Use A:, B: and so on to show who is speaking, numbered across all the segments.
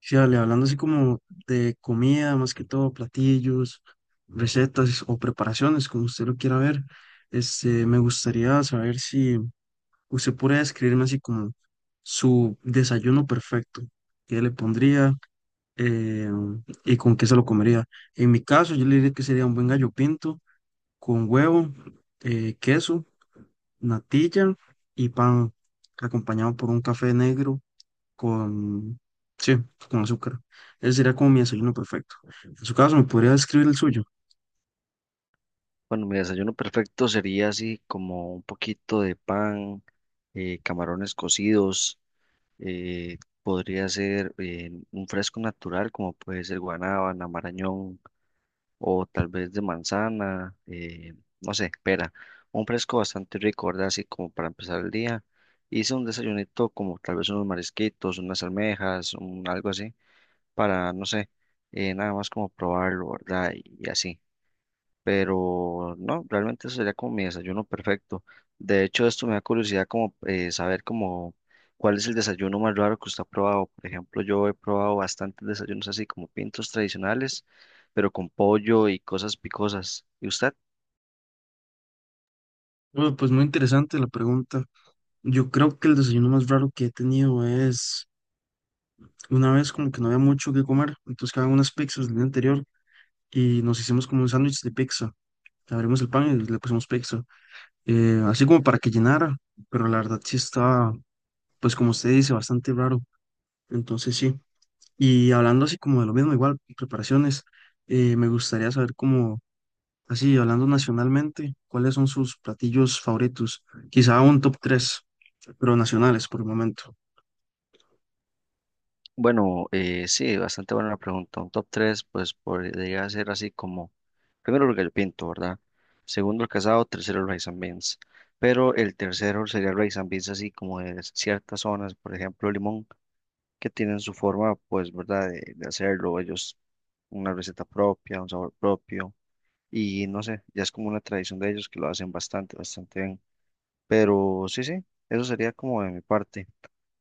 A: Sí, dale. Hablando así como de comida, más que todo, platillos, recetas o preparaciones, como usted lo quiera ver, este, me gustaría saber si usted puede describirme así como su desayuno perfecto, qué le pondría eh, y con qué se lo comería. En mi caso, yo le diría que sería un buen gallo pinto con huevo, queso, natilla y pan, acompañado por un café negro con, sí, con azúcar. Ese sería como mi desayuno perfecto. En su caso, ¿me podría describir el suyo?
B: Bueno, mi desayuno perfecto sería así como un poquito de pan, camarones cocidos, eh, podría ser un fresco natural como puede ser guanábana, marañón o tal vez de manzana, no sé, pera. Un fresco bastante rico, ¿verdad? Así como para empezar el día. Hice un desayunito como tal vez unos marisquitos, unas almejas, un, algo así, para, no sé, nada más como probarlo, ¿verdad? y así, pero no, realmente eso sería como mi desayuno perfecto. De hecho, esto me da curiosidad como saber como cuál es el desayuno más raro que usted ha probado. Por ejemplo, yo he probado bastantes desayunos así como pintos tradicionales, pero con pollo y cosas picosas. ¿Y usted?
A: Bueno, pues muy interesante la pregunta. Yo creo que el desayuno más raro que he tenido es una vez como que no había mucho que comer, entonces quedaban unas pizzas del día anterior y nos hicimos como un sándwich de pizza. Abrimos el pan y le pusimos pizza, así como para que llenara, pero la verdad sí estaba, pues como usted dice, bastante raro. Entonces sí. Y hablando así como de lo mismo, igual, preparaciones, me gustaría saber cómo. Así, hablando nacionalmente, ¿cuáles son sus platillos favoritos? Quizá un top tres, pero nacionales por el momento.
B: Bueno, sí, bastante buena la pregunta. Un top 3 pues podría ser así como, primero el gallo pinto, ¿verdad? Segundo el casado, tercero el rice and beans. Pero el tercero sería el rice and beans así como de ciertas zonas, por ejemplo, Limón, que tienen su forma, pues, ¿verdad? De hacerlo, ellos una receta propia, un sabor propio, y no sé, ya es como una tradición de ellos que lo hacen bastante, bastante bien. Pero sí, sí, eso sería como de mi parte.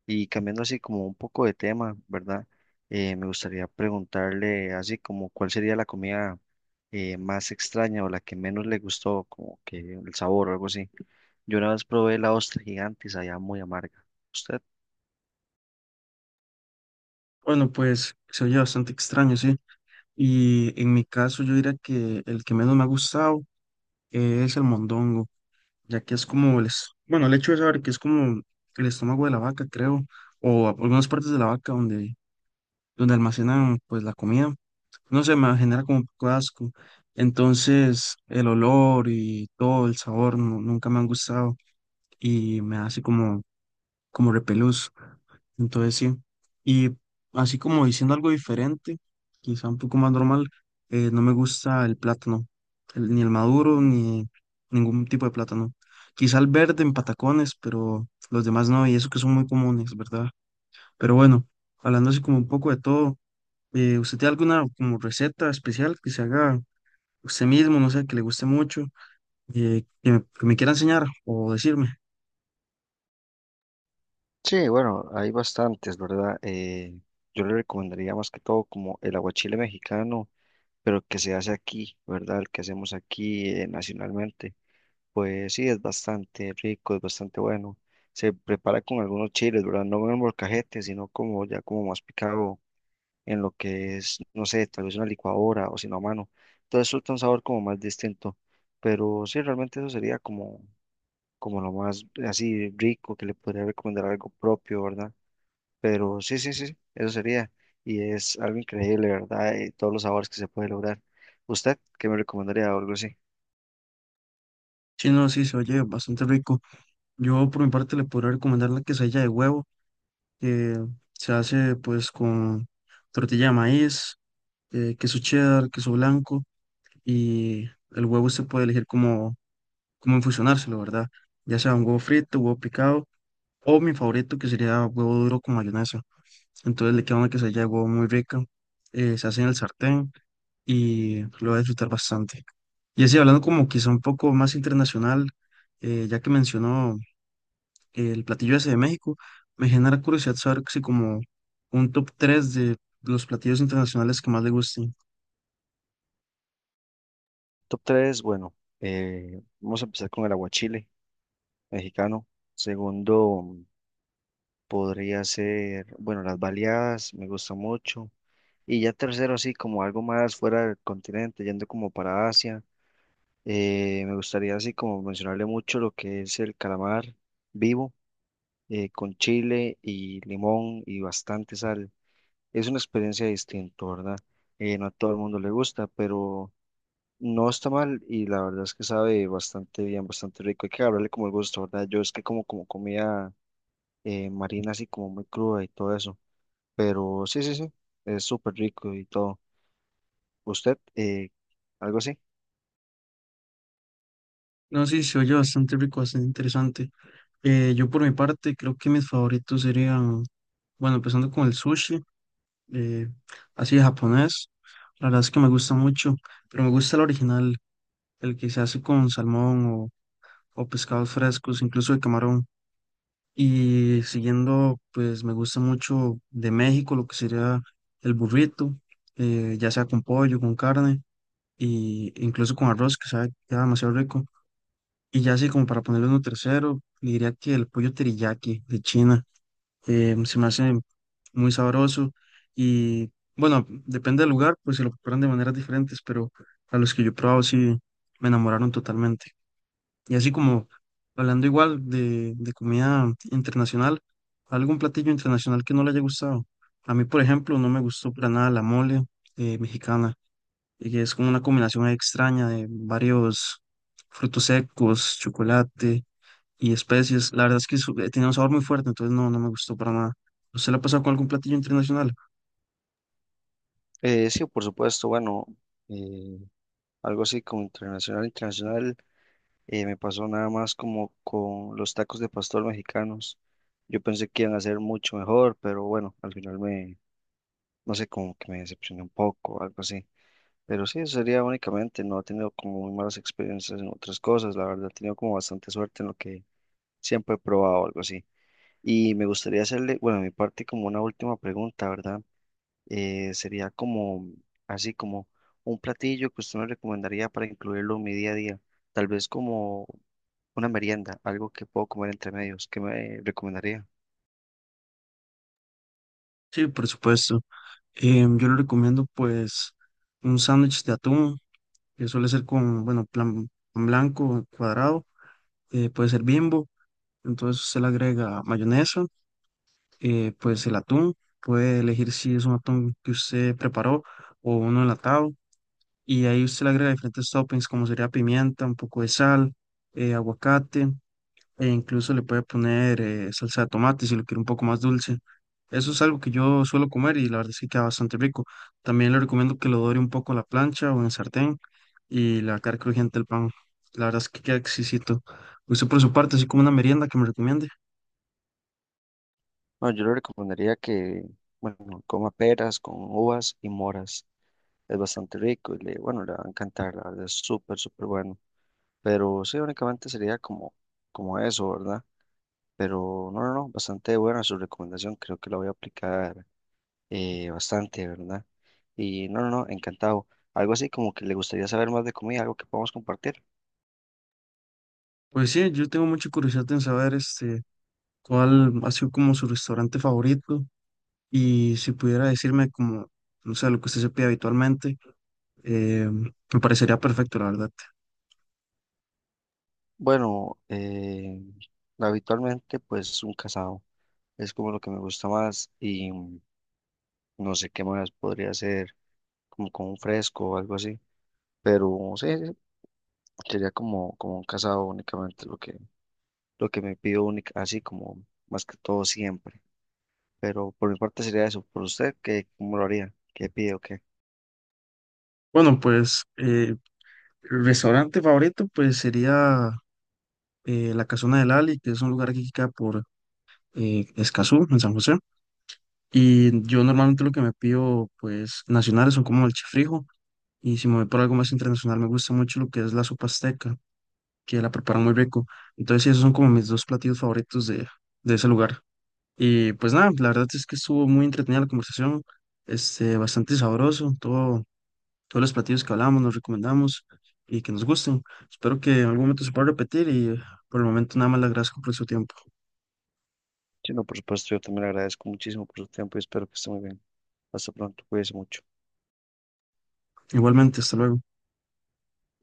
B: Y cambiando así como un poco de tema, ¿verdad? Me gustaría preguntarle así como cuál sería la comida, más extraña o la que menos le gustó, como que el sabor o algo así. Yo una vez probé la ostra gigantes sabía muy amarga. ¿Usted?
A: Bueno, pues se oye bastante extraño, sí. Y en mi caso yo diría que el que menos me ha gustado es el mondongo, ya que es como bueno, el hecho de saber que es como el estómago de la vaca, creo, o algunas partes de la vaca donde, donde almacenan pues la comida. No sé, me genera como un poco de asco. Entonces, el olor y todo, el sabor, nunca me han gustado. Y me hace como, como repelús. Entonces sí. Y así como diciendo algo diferente, quizá un poco más normal, no me gusta el plátano, ni el maduro, ni ningún tipo de plátano. Quizá el verde en patacones, pero los demás no, y eso que son muy comunes, ¿verdad? Pero bueno, hablando así como un poco de todo, ¿usted tiene alguna como receta especial que se haga usted mismo, no sé, que le guste mucho, que me quiera enseñar o decirme?
B: Sí, bueno, hay bastantes, ¿verdad? Yo le recomendaría más que todo como el aguachile mexicano, pero que se hace aquí, ¿verdad? El que hacemos aquí, nacionalmente. Pues sí, es bastante rico, es bastante bueno. Se prepara con algunos chiles, ¿verdad? No en el molcajete, sino como ya como más picado en lo que es, no sé, tal vez una licuadora o sino a mano. Entonces suelta un sabor como más distinto. Pero sí, realmente eso sería como, como lo más así rico que le podría recomendar algo propio, ¿verdad? Pero sí, sí, sí, eso sería. Y es algo increíble, ¿verdad? Y todos los sabores que se puede lograr. ¿Usted qué me recomendaría o algo así?
A: Sí, no, sí, se oye bastante rico. Yo por mi parte le podría recomendar la quesadilla de huevo, que se hace pues con tortilla de maíz, queso cheddar, queso blanco y el huevo se puede elegir como, como infusionárselo, ¿verdad? Ya sea un huevo frito, huevo picado o mi favorito que sería huevo duro con mayonesa. Entonces le queda una quesadilla de huevo muy rica, se hace en el sartén y lo va a disfrutar bastante. Y así hablando como quizá un poco más internacional, ya que mencionó el platillo ese de México, me genera curiosidad saber si como un top 3 de los platillos internacionales que más le gusten.
B: Top 3 bueno, vamos a empezar con el aguachile mexicano. Segundo, podría ser, bueno, las baleadas, me gusta mucho. Y ya tercero, así como algo más fuera del continente, yendo como para Asia. Me gustaría así como mencionarle mucho lo que es el calamar vivo, con chile y limón y bastante sal. Es una experiencia distinta, ¿verdad? No a todo el mundo le gusta, pero no está mal y la verdad es que sabe bastante bien, bastante rico. Hay que agarrarle como el gusto, ¿verdad? Yo es que como, como comida marina así como muy cruda y todo eso, pero sí, sí, sí, es súper rico y todo. ¿Usted, algo así?
A: No, sí, se oye bastante rico, bastante interesante. Yo por mi parte creo que mis favoritos serían, bueno, empezando con el sushi, eh, así de japonés. La verdad es que me gusta mucho, pero me gusta el original, el que se hace con salmón o pescados frescos, incluso de camarón. Y siguiendo, pues me gusta mucho de México lo que sería el burrito, ya sea con pollo, con carne, y incluso con arroz, que sabe, queda demasiado rico. Y ya así como para ponerle uno tercero, le diría que el pollo teriyaki de China, se me hace muy sabroso. Y bueno, depende del lugar, pues se lo preparan de maneras diferentes, pero a los que yo he probado sí me enamoraron totalmente. Y así como hablando igual de comida internacional, algún platillo internacional que no le haya gustado. A mí, por ejemplo, no me gustó para nada la mole mexicana, y que es como una combinación ahí extraña de varios frutos secos, chocolate y especies. La verdad es que tenía un sabor muy fuerte, entonces no, no me gustó para nada. ¿Usted la ha pasado con algún platillo internacional?
B: Sí, por supuesto, bueno, eh, algo así como internacional, internacional. Me pasó nada más como con los tacos de pastor mexicanos. Yo pensé que iban a ser mucho mejor, pero bueno, al final me, no sé, como que me decepcioné un poco algo así. Pero sí, eso sería únicamente, no he tenido como muy malas experiencias en otras cosas, la verdad, he tenido como bastante suerte en lo que siempre he probado, algo así. Y me gustaría hacerle, bueno, a mi parte como una última pregunta, ¿verdad? Sería como, así como un platillo que usted me recomendaría para incluirlo en mi día a día, tal vez como una merienda, algo que puedo comer entre medios, ¿qué me recomendaría?
A: Sí, por supuesto. Yo le recomiendo pues un sándwich de atún, que suele ser con, bueno, plan pan blanco cuadrado, puede ser Bimbo, entonces usted le agrega mayonesa, pues el atún, puede elegir si es un atún que usted preparó o uno enlatado y ahí usted le agrega diferentes toppings como sería pimienta, un poco de sal, aguacate e incluso le puede poner salsa de tomate si lo quiere un poco más dulce. Eso es algo que yo suelo comer y la verdad es que queda bastante rico. También le recomiendo que lo dore un poco a la plancha o en el sartén y la carne crujiente del pan. La verdad es que queda exquisito. Usted por su parte, así como una merienda que me recomiende.
B: No, yo le recomendaría que, bueno, coma peras con uvas y moras, es bastante rico y le, bueno, le va a encantar, la verdad es súper, súper bueno, pero sí, únicamente sería como, como eso, ¿verdad? Pero no, no, no, bastante buena su recomendación, creo que la voy a aplicar bastante, ¿verdad? Y no, no, no, encantado. Algo así como que le gustaría saber más de comida, algo que podamos compartir.
A: Pues sí, yo tengo mucha curiosidad en saber este, cuál ha sido como su restaurante favorito. Y si pudiera decirme como, no sé, lo que usted se pide habitualmente, me parecería perfecto, la verdad.
B: Bueno, habitualmente pues un casado es como lo que me gusta más y mm, no sé qué más podría hacer como con un fresco o algo así. Pero sí, sí, sería como, como un casado únicamente lo que me pido única, así como más que todo siempre. Pero por mi parte sería eso. ¿Por usted qué, cómo lo haría? ¿Qué pide o qué?
A: Bueno, pues el restaurante favorito pues sería La Casona del Ali, que es un lugar que queda por Escazú, en San José. Y yo normalmente lo que me pido pues nacionales son como el chifrijo. Y si me voy por algo más internacional, me gusta mucho lo que es la sopa azteca, que la preparan muy rico. Entonces, sí, esos son como mis dos platillos favoritos de ese lugar. Y pues nada, la verdad es que estuvo muy entretenida la conversación, este, bastante sabroso, todo, todos los platillos que hablamos, nos recomendamos y que nos gusten. Espero que en algún momento se pueda repetir y por el momento nada más le agradezco por su tiempo.
B: Sí, no, por supuesto, yo también le agradezco muchísimo por su tiempo y espero que esté muy bien. Hasta pronto, cuídese mucho.
A: Igualmente, hasta luego.